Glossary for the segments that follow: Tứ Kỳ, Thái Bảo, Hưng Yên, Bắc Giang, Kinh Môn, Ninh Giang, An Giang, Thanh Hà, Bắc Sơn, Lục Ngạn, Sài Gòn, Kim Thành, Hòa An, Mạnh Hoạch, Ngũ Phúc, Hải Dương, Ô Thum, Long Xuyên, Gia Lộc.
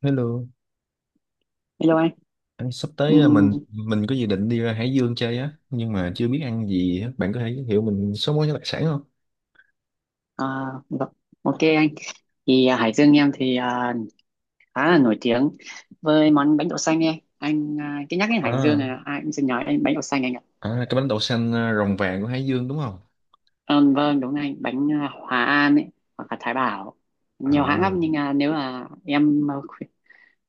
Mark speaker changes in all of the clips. Speaker 1: Hello,
Speaker 2: Hello anh.
Speaker 1: anh sắp tới à, mình
Speaker 2: Ừm,
Speaker 1: mình có dự định đi ra Hải Dương chơi á, nhưng mà chưa biết ăn gì á. Bạn có thể giới thiệu mình số món đặc sản không?
Speaker 2: à, vâng. OK anh. Hải Dương em khá là nổi tiếng với món bánh đậu xanh ấy. Cứ nhắc đến Hải Dương
Speaker 1: À,
Speaker 2: là ai cũng sẽ nhớ đến bánh đậu xanh anh ạ.
Speaker 1: à, cái bánh đậu xanh à, rồng vàng của Hải Dương đúng không?
Speaker 2: Vâng đúng anh, Hòa An ấy hoặc là Thái Bảo, nhiều hãng
Speaker 1: À,
Speaker 2: lắm nếu là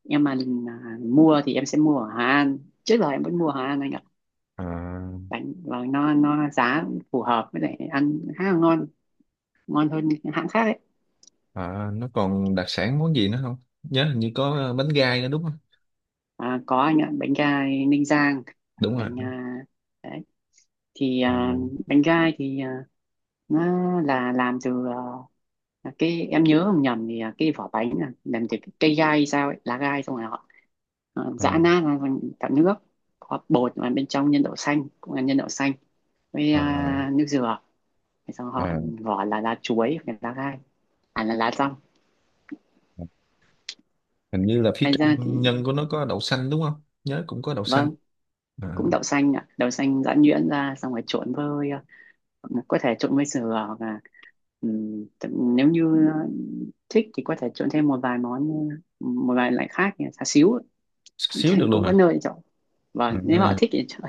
Speaker 2: em mà mua thì em sẽ mua ở Hòa An. Trước giờ em vẫn mua ở Hòa An anh ạ.
Speaker 1: à,
Speaker 2: Bánh và nó giá cũng phù hợp với lại ăn khá là ngon, ngon hơn những hãng khác ấy.
Speaker 1: à, nó còn đặc sản món gì nữa không? Nhớ hình như có à, bánh gai nữa đúng không?
Speaker 2: À, có anh ạ, bánh gai Ninh Giang,
Speaker 1: Đúng rồi.
Speaker 2: bánh à, đấy thì
Speaker 1: À,
Speaker 2: à, bánh gai nó là làm từ cái em nhớ không nhầm cái vỏ bánh là làm từ cái cây gai hay sao ấy, lá gai xong rồi họ
Speaker 1: à,
Speaker 2: giã nát ra thành tạo nước có bột, và bên trong nhân đậu xanh cũng là nhân đậu xanh với nước dừa. Thế xong họ
Speaker 1: à,
Speaker 2: vỏ là lá chuối hoặc là lá gai, à là lá rong.
Speaker 1: à. Hình như là phía
Speaker 2: Ngoài
Speaker 1: trong
Speaker 2: ra thì
Speaker 1: nhân của nó có đậu xanh đúng không? Nhớ cũng có đậu xanh.
Speaker 2: vâng,
Speaker 1: À,
Speaker 2: cũng đậu xanh ạ, đậu xanh giã nhuyễn ra xong rồi trộn với, có thể trộn với sườn hoặc là, nếu như thích thì có thể trộn thêm một vài món, một vài loại khác như là xá xíu.
Speaker 1: xíu được luôn
Speaker 2: Cũng có
Speaker 1: hả?
Speaker 2: nơi để chọn, và nếu họ
Speaker 1: À,
Speaker 2: thích thì chọn,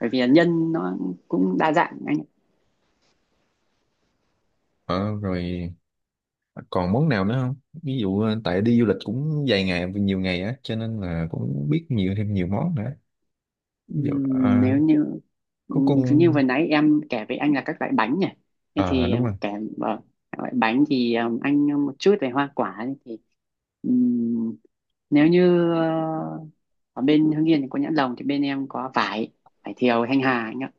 Speaker 2: bởi vì là nhân nó cũng đa dạng anh ạ.
Speaker 1: à, rồi còn món nào nữa không, ví dụ tại đi du lịch cũng vài ngày nhiều ngày á, cho nên là cũng biết nhiều, thêm nhiều món nữa. Ví dụ
Speaker 2: Nếu như
Speaker 1: có
Speaker 2: Như
Speaker 1: con
Speaker 2: vừa nãy em kể với anh là các loại bánh nhỉ, thế
Speaker 1: ờ
Speaker 2: thì
Speaker 1: đúng
Speaker 2: em
Speaker 1: rồi.
Speaker 2: kể, vâng, các loại bánh thì, anh một chút về hoa quả thì, ừm, nếu như ờ, ở bên Hưng Yên thì có nhãn lồng, thì bên em có vải, vải thiều Thanh Hà anh ạ.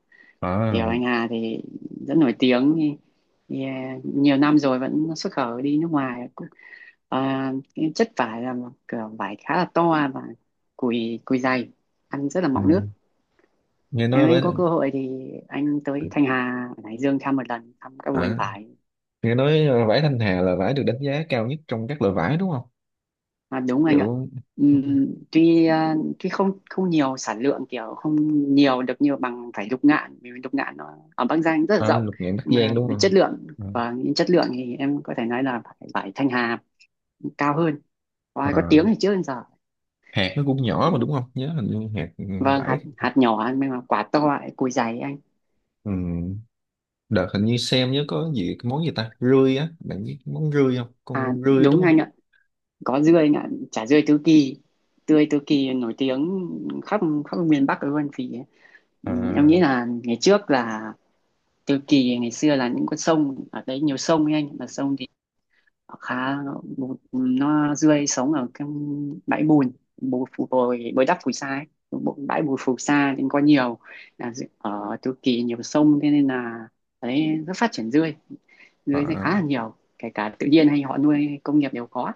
Speaker 2: Thiều
Speaker 1: Ờ,
Speaker 2: Thanh Hà thì rất nổi tiếng thì nhiều năm rồi vẫn xuất khẩu đi nước ngoài cũng, cái chất vải là một kiểu vải khá là to và cùi cùi dày, ăn rất là mọng nước.
Speaker 1: ừ. Nghe nói
Speaker 2: Nếu
Speaker 1: vải
Speaker 2: anh có cơ hội thì anh tới Thanh Hà ở Hải Dương thăm một lần, thăm các vườn
Speaker 1: ờ,
Speaker 2: vải.
Speaker 1: nghe nói vải Thanh Hà là vải được đánh giá cao nhất trong các loại vải đúng không,
Speaker 2: À, đúng anh ạ.
Speaker 1: kiểu đúng.
Speaker 2: Tuy không không nhiều sản lượng, kiểu không nhiều được như bằng vải lục ngạn, vì lục ngạn nó ở Bắc Giang rất là
Speaker 1: Ờ,
Speaker 2: rộng,
Speaker 1: lục ngạn Bắc
Speaker 2: mà
Speaker 1: Giang đúng
Speaker 2: về
Speaker 1: không?
Speaker 2: chất lượng,
Speaker 1: Ờ,
Speaker 2: và những chất lượng thì em có thể nói là vải, vải Thanh Hà cao hơn, và có
Speaker 1: ờ,
Speaker 2: tiếng thì trước đến giờ.
Speaker 1: hạt nó cũng nhỏ
Speaker 2: Ừ,
Speaker 1: mà đúng không, nhớ hình như hạt
Speaker 2: vâng,
Speaker 1: vải
Speaker 2: hạt hạt nhỏ nhưng mà quả to lại cùi dày anh.
Speaker 1: ừ. Đợt hình như xem nhớ có gì, cái món gì ta, rươi á, bạn biết món rươi không,
Speaker 2: À
Speaker 1: con rươi đúng
Speaker 2: đúng
Speaker 1: không?
Speaker 2: anh ạ, có dươi anh ạ, chả dươi Tứ Kỳ, tươi Tứ Kỳ nổi tiếng khắp khắp miền Bắc luôn. Vì
Speaker 1: Ờ,
Speaker 2: em nghĩ là ngày trước là Tứ Kỳ ngày xưa là những con sông ở đấy, nhiều sông ấy anh, mà sông thì nó khá bùn- nó rươi sống ở cái bãi bùn, bù phù bồi bồi đắp phù sa ấy. Bãi bùn phù sa nên có nhiều, là ở Tứ Kỳ nhiều sông, thế nên là đấy rất phát triển rươi. Rươi thì khá
Speaker 1: à,
Speaker 2: là nhiều, kể cả tự nhiên hay họ nuôi công nghiệp đều có.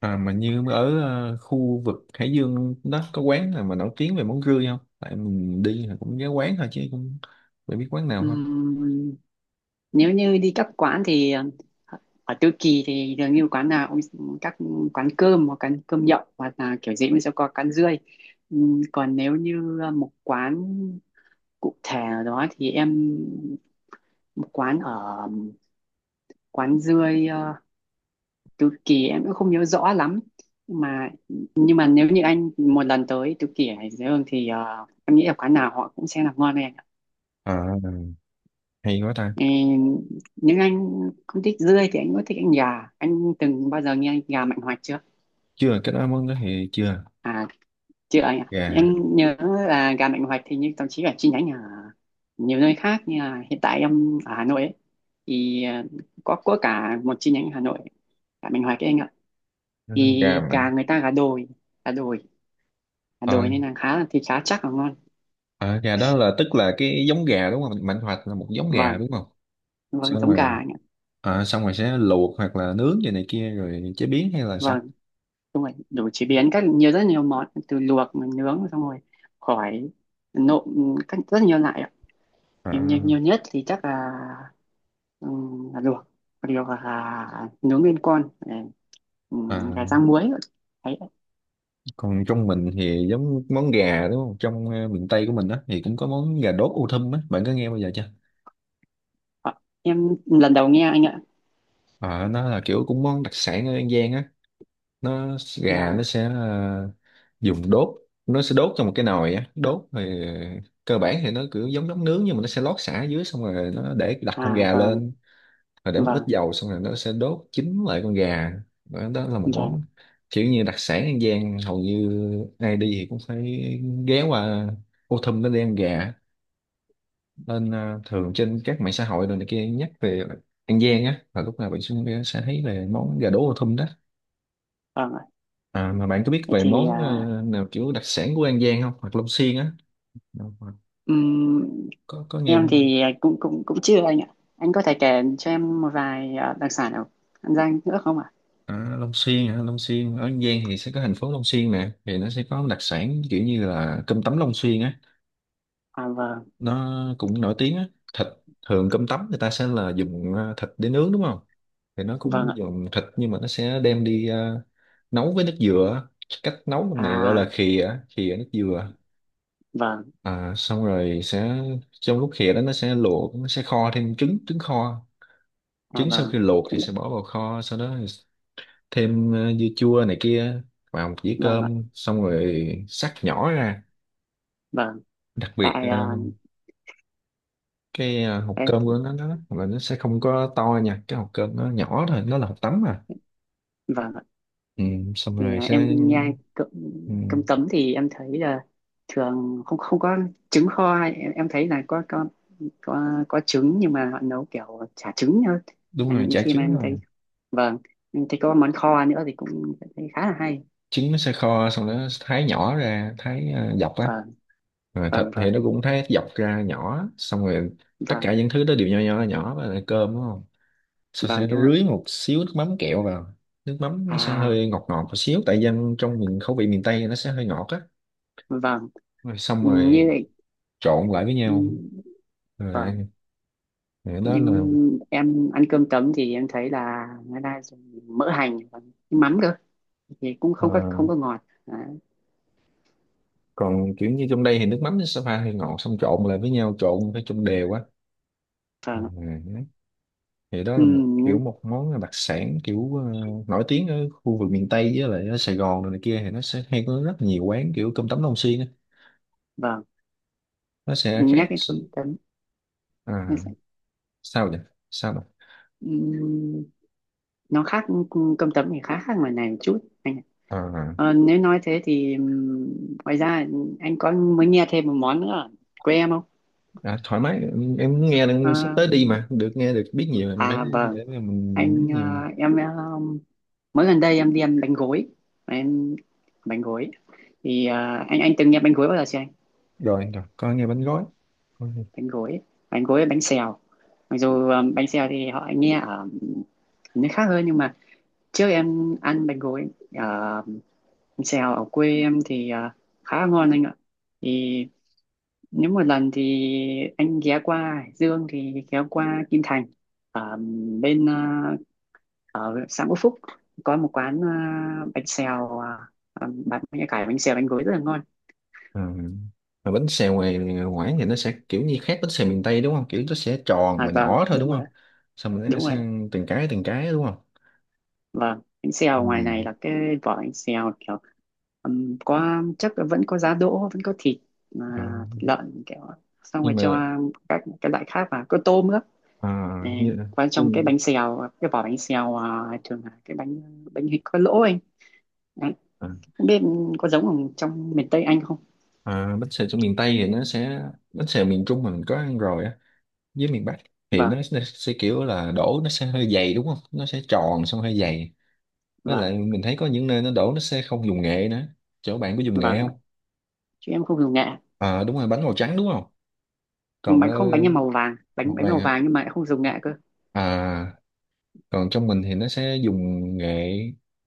Speaker 1: mà như ở khu vực Hải Dương đó có quán nào mà nổi tiếng về món rươi không, tại mình đi là cũng nhớ quán thôi chứ cũng phải biết quán nào không.
Speaker 2: Ừm, Nếu như đi các quán thì ở Tứ Kỳ thì dường như quán nào cũng, các quán cơm hoặc quán cơm nhậu hoặc là kiểu gì cũng sẽ có quán rươi. Còn nếu như một quán cụ thể nào đó thì em, một quán ở, quán rươi ờ, Tứ Kỳ em cũng không nhớ rõ lắm, mà nhưng mà nếu như anh một lần tới Tứ Kỳ ở Hải Dương thì em nghĩ là quán nào họ cũng sẽ làm ngon.
Speaker 1: À, hay quá ta.
Speaker 2: Ờ, nhưng anh không thích dươi thì anh có thích anh gà, anh từng bao giờ nghe anh gà Mạnh Hoạch chưa?
Speaker 1: Chưa, cái đó món đó thì chưa.
Speaker 2: À, chưa anh ạ,
Speaker 1: Gà,
Speaker 2: em nhớ là gà Mạnh Hoạch thì như thậm chí là chi nhánh ở nhiều nơi khác, như là hiện tại em ở Hà Nội ấy, thì có cả một chi nhánh ở Hà Nội gà Mạnh Hoạch ấy anh ạ.
Speaker 1: gà
Speaker 2: Thì
Speaker 1: mạnh.
Speaker 2: gà người ta gà đồi, gà đồi, gà
Speaker 1: Ờ,
Speaker 2: đồi nên là khá, thì khá chắc và ngon.
Speaker 1: ờ, gà đó là tức là cái giống gà đúng không, mạnh hoạch là một giống gà
Speaker 2: Vâng,
Speaker 1: đúng không?
Speaker 2: vâng
Speaker 1: Xong
Speaker 2: giống gà
Speaker 1: rồi,
Speaker 2: anh ạ.
Speaker 1: xong rồi sẽ luộc hoặc là nướng gì này kia rồi chế biến hay là sao?
Speaker 2: Vâng đúng rồi, đủ chế biến các, nhiều, rất nhiều món, từ luộc mà nướng xong rồi, khỏi, nộm, các rất nhiều loại ạ.
Speaker 1: à,
Speaker 2: Nhưng nhiều, nhiều nhất thì chắc là luộc, còn điều là nướng nguyên con,
Speaker 1: à,
Speaker 2: gà rang muối. Đấy,
Speaker 1: còn trong mình thì giống món gà đúng không, trong miền Tây của mình đó thì cũng có món gà đốt ô thum á, bạn có nghe bao giờ chưa?
Speaker 2: ạ. Em lần đầu nghe anh ạ,
Speaker 1: Ờ, nó là kiểu cũng món đặc sản ở An Giang á. Nó, gà nó
Speaker 2: là
Speaker 1: sẽ dùng đốt, nó sẽ đốt trong một cái nồi á, đốt thì cơ bản thì nó kiểu giống giống nướng, nhưng mà nó sẽ lót sả ở dưới xong rồi nó để đặt
Speaker 2: à
Speaker 1: con gà
Speaker 2: vâng,
Speaker 1: lên, rồi để một ít
Speaker 2: vâng,
Speaker 1: dầu xong rồi nó sẽ đốt chín lại con gà. Đó, đó là một
Speaker 2: vâng,
Speaker 1: món kiểu như đặc sản An Giang, hầu như ai đi thì cũng phải ghé qua Ô Thum nó đi ăn gà. Nên ờ, thường trên các mạng xã hội rồi này kia nhắc về An Giang á là lúc nào bạn cũng sẽ thấy về món gà đỗ Ô Thum đó.
Speaker 2: vâng ạ.
Speaker 1: À, mà bạn có biết
Speaker 2: Thế
Speaker 1: về
Speaker 2: thì
Speaker 1: món
Speaker 2: à,
Speaker 1: ờ, nào kiểu đặc sản của An Giang không, hoặc Long Xuyên á? Nào, hoặc
Speaker 2: ừm,
Speaker 1: có nghe
Speaker 2: em
Speaker 1: không?
Speaker 2: thì cũng cũng cũng chưa anh ạ, anh có thể kể cho em một vài đặc sản ở An Giang nữa không ạ?
Speaker 1: À, Long Xuyên hả, Long Xuyên ở An Giang thì sẽ có thành phố Long Xuyên nè, thì nó sẽ có đặc sản kiểu như là cơm tấm Long Xuyên á,
Speaker 2: À vâng,
Speaker 1: nó cũng nổi tiếng á. Thịt, thường cơm tấm người ta sẽ là dùng thịt để nướng đúng không, thì nó
Speaker 2: vâng
Speaker 1: cũng
Speaker 2: ạ,
Speaker 1: dùng thịt nhưng mà nó sẽ đem đi nấu với nước dừa á. Cách nấu lần này gọi là
Speaker 2: à
Speaker 1: khìa á, khìa nước dừa.
Speaker 2: vâng,
Speaker 1: À, xong rồi sẽ, trong lúc khìa đó nó sẽ luộc, nó sẽ kho thêm trứng, trứng kho.
Speaker 2: à,
Speaker 1: Trứng sau
Speaker 2: vâng,
Speaker 1: khi luộc
Speaker 2: thế
Speaker 1: thì
Speaker 2: là,
Speaker 1: sẽ bỏ vào kho, sau đó thêm dưa chua này kia vào một dĩa
Speaker 2: vâng ạ,
Speaker 1: cơm xong rồi xắt nhỏ ra.
Speaker 2: vâng
Speaker 1: Đặc biệt
Speaker 2: tại à,
Speaker 1: ờ, cái à, hộp
Speaker 2: tại-
Speaker 1: cơm của nó là nó sẽ không có to nha, cái hộp cơm nó nhỏ thôi, nó là hộp tấm mà.
Speaker 2: vâng ạ.
Speaker 1: Ừ, xong rồi sẽ.
Speaker 2: Em nhai cơm,
Speaker 1: Ừ,
Speaker 2: cơm tấm thì em thấy là thường không không có trứng kho, em thấy là có, có trứng nhưng mà họ nấu kiểu chả trứng hơn.
Speaker 1: đúng rồi,
Speaker 2: Những
Speaker 1: chả
Speaker 2: khi mà
Speaker 1: trứng
Speaker 2: em
Speaker 1: thôi.
Speaker 2: thấy vâng, em thấy có món kho nữa thì cũng thấy khá là hay.
Speaker 1: Trứng nó sẽ kho xong nó thái nhỏ ra, thái à, dọc á,
Speaker 2: Vâng,
Speaker 1: rồi thịt
Speaker 2: vâng,
Speaker 1: thì
Speaker 2: vâng,
Speaker 1: nó cũng thái dọc ra nhỏ xong rồi tất cả
Speaker 2: vâng,
Speaker 1: những thứ đó đều nho nhỏ nhỏ và là cơm đúng không, sau
Speaker 2: vâng
Speaker 1: sẽ
Speaker 2: đúng rồi.
Speaker 1: rưới một xíu nước mắm kẹo vào. Nước mắm nó sẽ
Speaker 2: À
Speaker 1: hơi ngọt ngọt một xíu, tại dân trong miền, khẩu vị miền Tây nó sẽ hơi ngọt á.
Speaker 2: vâng,
Speaker 1: Rồi xong
Speaker 2: như
Speaker 1: rồi trộn lại với nhau
Speaker 2: vậy
Speaker 1: rồi ăn. Rồi đó là,
Speaker 2: nhưng em ăn cơm tấm thì em thấy là người ta dùng mỡ hành và mắm cơ, thì cũng
Speaker 1: ờ,
Speaker 2: không có ngọt. Đấy.
Speaker 1: còn kiểu như trong đây thì nước mắm nó sẽ pha hơi ngọt xong trộn lại với nhau, trộn phải trong đều quá.
Speaker 2: Vâng.
Speaker 1: Ừ, thì đó
Speaker 2: ừ,
Speaker 1: là một kiểu,
Speaker 2: Nên
Speaker 1: một món đặc sản kiểu nổi tiếng ở khu vực miền Tây, với lại ở Sài Gòn rồi này kia thì nó sẽ hay có rất nhiều quán kiểu cơm tấm Long Xuyên á,
Speaker 2: vâng,
Speaker 1: nó sẽ khác.
Speaker 2: nhắc cái cơm tấm em
Speaker 1: À,
Speaker 2: sẽ,
Speaker 1: sao vậy, sao vậy?
Speaker 2: ừm, nó khác, cơm tấm thì khá khác ngoài này một chút anh ạ.
Speaker 1: à,
Speaker 2: Ờ, nếu nói thế thì, ngoài ra anh có mới nghe thêm một món nữa ở quê em không?
Speaker 1: thoải mái, em nghe
Speaker 2: Ờ,
Speaker 1: đang sắp tới đi mà, được nghe được biết nhiều em phải,
Speaker 2: à vâng,
Speaker 1: để mà mình biết
Speaker 2: anh ờ,
Speaker 1: nhiều mà.
Speaker 2: em ờ, mới gần đây em đi ăn bánh gối, em bánh gối thì anh từng nghe bánh gối bao giờ chưa?
Speaker 1: Rồi rồi, coi nghe bánh gói.
Speaker 2: Bánh gối, bánh gối với bánh xèo, mặc dù bánh xèo thì họ nghe ở nơi khác hơn, nhưng mà trước em ăn bánh gối ở, bánh xèo ở quê em thì khá là ngon anh ạ. Thì nếu một lần thì anh ghé qua Hải Dương thì ghé qua Kim Thành, ở bên ở xã Ngũ Phúc có một quán bánh xèo, bán bánh cải, bánh xèo, bánh gối rất là ngon.
Speaker 1: Ừ. Mà bánh xèo ngoài ngoải thì nó sẽ kiểu như khác bánh xèo miền Tây đúng không? Kiểu nó sẽ tròn
Speaker 2: À
Speaker 1: và
Speaker 2: vâng
Speaker 1: nhỏ thôi
Speaker 2: đúng
Speaker 1: đúng
Speaker 2: rồi ạ.
Speaker 1: không? Xong rồi nó
Speaker 2: Đúng rồi.
Speaker 1: sang từng cái đúng không?
Speaker 2: Vâng, bánh xèo ngoài
Speaker 1: Ừ.
Speaker 2: này là cái vỏ bánh xèo kiểu, có chắc là vẫn có giá đỗ, vẫn có thịt, à,
Speaker 1: Ờ,
Speaker 2: thịt lợn kiểu xong
Speaker 1: nhưng
Speaker 2: rồi cho
Speaker 1: mà
Speaker 2: các cái loại khác vào, có tôm nữa.
Speaker 1: ờ,
Speaker 2: Ừ,
Speaker 1: như
Speaker 2: qua trong cái
Speaker 1: nhưng,
Speaker 2: bánh xèo, cái vỏ bánh xèo thường là cái bánh, bánh hình có lỗ anh. Đấy.
Speaker 1: ờ,
Speaker 2: Không biết có giống ở trong miền Tây Anh không?
Speaker 1: ờ, bánh xèo trong miền Tây thì nó sẽ, bánh xèo miền Trung mà mình có ăn rồi á, với miền Bắc, thì nó,
Speaker 2: Vâng,
Speaker 1: nó sẽ kiểu là đổ nó sẽ hơi dày đúng không? Nó sẽ tròn xong hơi dày. Với
Speaker 2: vâng,
Speaker 1: lại mình thấy có những nơi nó đổ nó sẽ không dùng nghệ nữa. Chỗ bạn có dùng nghệ
Speaker 2: vâng.
Speaker 1: không?
Speaker 2: Chứ em không dùng nghệ.
Speaker 1: Ờ đúng rồi, bánh màu trắng đúng không? Còn
Speaker 2: Bánh
Speaker 1: ờ,
Speaker 2: không, bánh em màu vàng, bánh,
Speaker 1: màu
Speaker 2: bánh
Speaker 1: vàng
Speaker 2: màu
Speaker 1: hả?
Speaker 2: vàng nhưng mà lại không dùng nghệ cơ.
Speaker 1: À, còn trong mình thì nó sẽ dùng nghệ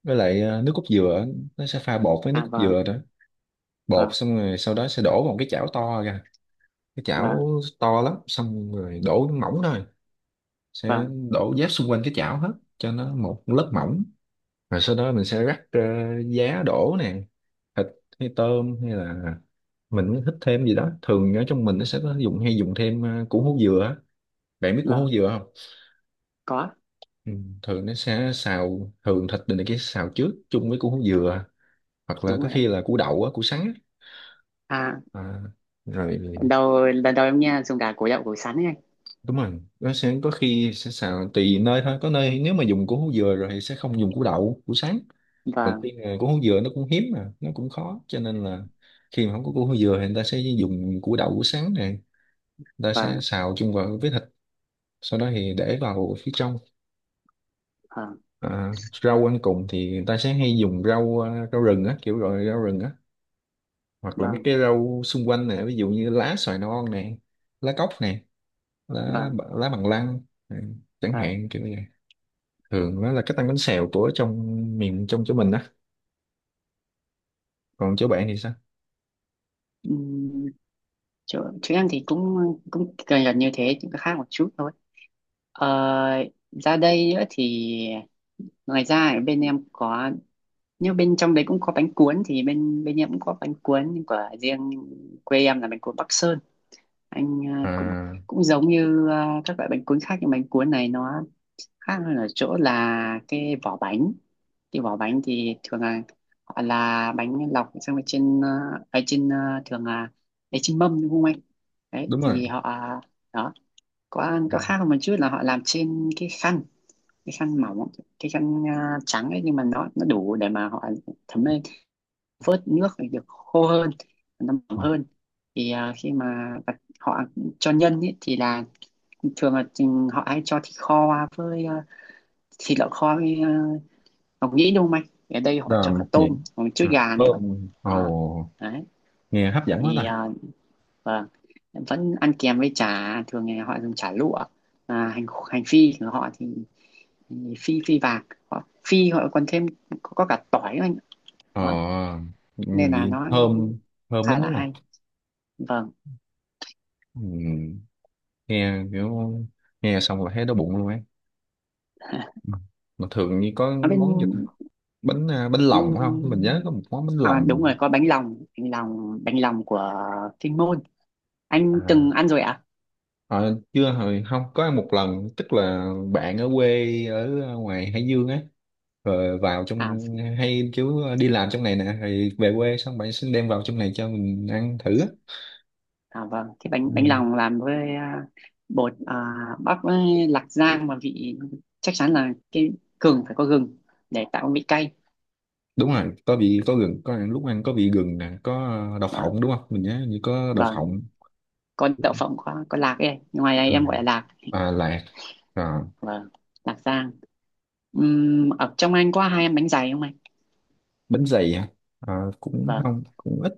Speaker 1: với lại nước cốt dừa, nó sẽ pha bột với nước
Speaker 2: À
Speaker 1: cốt
Speaker 2: vâng,
Speaker 1: dừa đó. Bột
Speaker 2: vâng,
Speaker 1: xong rồi sau đó sẽ đổ vào một cái chảo to ra, cái
Speaker 2: vâng,
Speaker 1: chảo to lắm xong rồi đổ mỏng thôi, sẽ
Speaker 2: vâng,
Speaker 1: đổ giáp xung quanh cái chảo hết cho nó một lớp mỏng, rồi sau đó mình sẽ rắc giá đổ nè, thịt hay tôm hay là mình thích thêm gì đó. Thường ở trong mình nó sẽ có dùng, hay dùng thêm củ hú dừa á. Bạn biết củ
Speaker 2: vâng.
Speaker 1: hú dừa không?
Speaker 2: Có,
Speaker 1: Ừ, thường nó sẽ xào, thường thịt này kia xào trước chung với củ dừa, hoặc là
Speaker 2: đúng
Speaker 1: có
Speaker 2: rồi ạ.
Speaker 1: khi là củ đậu á, củ sắn á.
Speaker 2: À,
Speaker 1: À, rồi,
Speaker 2: lần đầu, lần đầu em nghe dùng cả củ đậu củ sắn ấy anh.
Speaker 1: đúng rồi, nó sẽ có khi sẽ xào, tùy nơi thôi, có nơi nếu mà dùng củ hú dừa rồi thì sẽ không dùng củ đậu củ sắn. Còn
Speaker 2: Vâng,
Speaker 1: khi mà củ hú dừa nó cũng hiếm mà nó cũng khó cho nên là khi mà không có củ hú dừa thì người ta sẽ dùng củ đậu củ sắn này, người ta sẽ
Speaker 2: vâng,
Speaker 1: xào chung vào với thịt, sau đó thì để vào phía trong.
Speaker 2: vâng,
Speaker 1: À, rau ăn cùng thì người ta sẽ hay dùng rau à, rau rừng á, kiểu gọi rau rừng á, hoặc là mấy
Speaker 2: vâng,
Speaker 1: cái rau xung quanh nè, ví dụ như lá xoài non nè, lá cóc nè, lá
Speaker 2: vâng,
Speaker 1: lá bằng lăng nè, chẳng
Speaker 2: vâng.
Speaker 1: hạn kiểu như vậy. Thường đó là cách tăng bánh xèo của trong miền trong chỗ mình á, còn chỗ bạn thì sao?
Speaker 2: Ừm, Chỗ, chỗ em thì cũng cũng gần, gần như thế, chỉ có khác một chút thôi, ờ, ra đây nữa thì, ngoài ra ở bên em có, nhưng bên trong đấy cũng có bánh cuốn, thì bên, bên em cũng có bánh cuốn của riêng quê em, là bánh cuốn Bắc Sơn. Cũng
Speaker 1: À,
Speaker 2: cũng giống như các loại bánh cuốn khác, nhưng bánh cuốn này nó khác hơn ở chỗ là cái vỏ bánh. Cái vỏ bánh thì thường là họ là bánh lọc xong rồi trên ở trên thường là ở trên mâm đúng không anh, đấy
Speaker 1: đúng rồi.
Speaker 2: thì họ đó,
Speaker 1: Ừ.
Speaker 2: có khác hơn một chút là họ làm trên cái khăn, cái khăn mỏng, cái khăn trắng ấy, nhưng mà nó đủ để mà họ thấm lên, vớt nước để được khô hơn, nó mỏng
Speaker 1: Ừ.
Speaker 2: hơn. Khi mà họ cho nhân ấy, thì là thường là chừng họ hay cho thịt kho với thịt lợn kho với, uh, ngọc nhĩ đúng không anh, ở đây họ
Speaker 1: Đó
Speaker 2: cho
Speaker 1: là
Speaker 2: cả
Speaker 1: mộc nhĩ.
Speaker 2: tôm và một chút
Speaker 1: À,
Speaker 2: gà nữa.
Speaker 1: thơm
Speaker 2: Đó,
Speaker 1: ồ,
Speaker 2: đấy
Speaker 1: nghe hấp dẫn quá
Speaker 2: thì,
Speaker 1: ta.
Speaker 2: vâng, vẫn ăn kèm với chả, thường ngày họ dùng chả lụa, hành hành phi của họ thì phi, phi vàng, họ phi họ còn thêm có cả tỏi nữa anh.
Speaker 1: Ờ,
Speaker 2: Đó,
Speaker 1: ừ,
Speaker 2: nên là
Speaker 1: gì
Speaker 2: nó
Speaker 1: thơm, thơm
Speaker 2: khá
Speaker 1: lắm
Speaker 2: là
Speaker 1: đúng không.
Speaker 2: hay. Vâng.
Speaker 1: Ừ, nghe kiểu, nghe xong là thấy đói bụng luôn ấy. Ừ. Mà thường như có
Speaker 2: Ở bên,
Speaker 1: món gì bánh à, bánh lòng không, mình nhớ
Speaker 2: ừm,
Speaker 1: có một món bánh
Speaker 2: à,
Speaker 1: lòng.
Speaker 2: đúng rồi có bánh lòng, bánh lòng, bánh lòng của Kinh Môn anh
Speaker 1: à,
Speaker 2: từng ăn rồi ạ.
Speaker 1: ờ, chưa hồi không có ăn một lần, tức là bạn ở quê ở à, ngoài Hải Dương á, rồi vào trong,
Speaker 2: À?
Speaker 1: hay chú đi làm trong này nè rồi về quê xong bạn xin đem vào trong này cho mình ăn thử á.
Speaker 2: À vâng, cái bánh, bánh
Speaker 1: Ừ,
Speaker 2: lòng làm với bột à, bắp với lạc rang và vị, chắc chắn là cái gừng, phải có gừng để tạo cái vị cay.
Speaker 1: đúng rồi có vị, có gừng, có ăn lúc ăn có vị gừng nè, có đậu
Speaker 2: Vâng,
Speaker 1: phộng đúng không, mình nhớ như có đậu
Speaker 2: vâng,
Speaker 1: phộng.
Speaker 2: có đậu phộng, có lạc ấy, ngoài đây
Speaker 1: Ừ.
Speaker 2: em gọi là lạc.
Speaker 1: À, lạc. À,
Speaker 2: Vâng, lạc rang. Ở trong anh có hai em bánh dày không anh?
Speaker 1: bánh dày hả? À, cũng
Speaker 2: Vâng,
Speaker 1: không, cũng ít,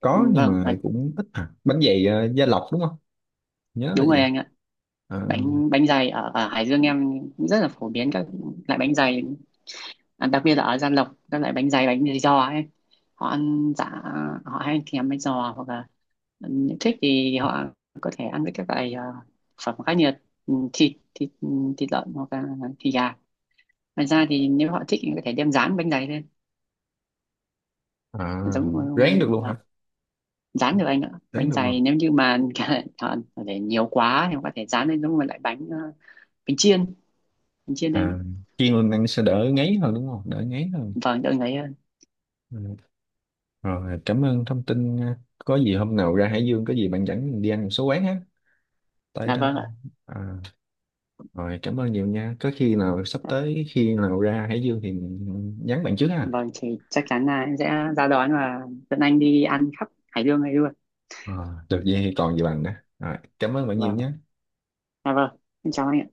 Speaker 1: có nhưng
Speaker 2: vâng,
Speaker 1: mà cũng ít à. Bánh dày à, gia lộc đúng không, nhớ là
Speaker 2: đúng rồi
Speaker 1: gì.
Speaker 2: anh ạ.
Speaker 1: à,
Speaker 2: Bánh, bánh dày ở, ở Hải Dương em cũng rất là phổ biến các loại bánh dày, à, đặc biệt là ở Gia Lộc các loại bánh dày giò ấy. Họ ăn dạ, họ hay thèm bánh giò, hoặc là, ừ, thích thì họ có thể ăn với các loại phẩm khá nhiệt, thịt, thịt thịt lợn hoặc là thịt gà. Ngoài ra thì nếu họ thích thì có thể đem rán bánh dày lên,
Speaker 1: à,
Speaker 2: giống,
Speaker 1: ráng được luôn hả?
Speaker 2: đó. Rán được anh ạ,
Speaker 1: Ráng
Speaker 2: bánh
Speaker 1: được luôn.
Speaker 2: dày nếu như mà họ để nhiều quá thì họ có thể rán lên giống như loại bánh bánh chiên, bánh chiên lên ấy.
Speaker 1: À, chiên lên ăn sẽ đỡ ngấy hơn đúng không, đỡ ngấy hơn.
Speaker 2: Vâng đợi ấy hơn.
Speaker 1: Ừ. Rồi cảm ơn thông tin nha, có gì hôm nào ra Hải Dương có gì bạn dẫn mình đi ăn một số quán ha, tại
Speaker 2: À
Speaker 1: đó.
Speaker 2: vâng ạ.
Speaker 1: À, rồi cảm ơn nhiều nha, có khi nào sắp tới khi nào ra Hải Dương thì nhắn bạn trước ha.
Speaker 2: Vâng, thì chắc chắn là em sẽ ra đón và dẫn anh đi ăn khắp Hải Dương này luôn.
Speaker 1: À, được vậy thì còn gì bằng đó, rồi cảm ơn bạn nhiều
Speaker 2: Vâng ạ.
Speaker 1: nha.
Speaker 2: À vâng, em chào anh ạ.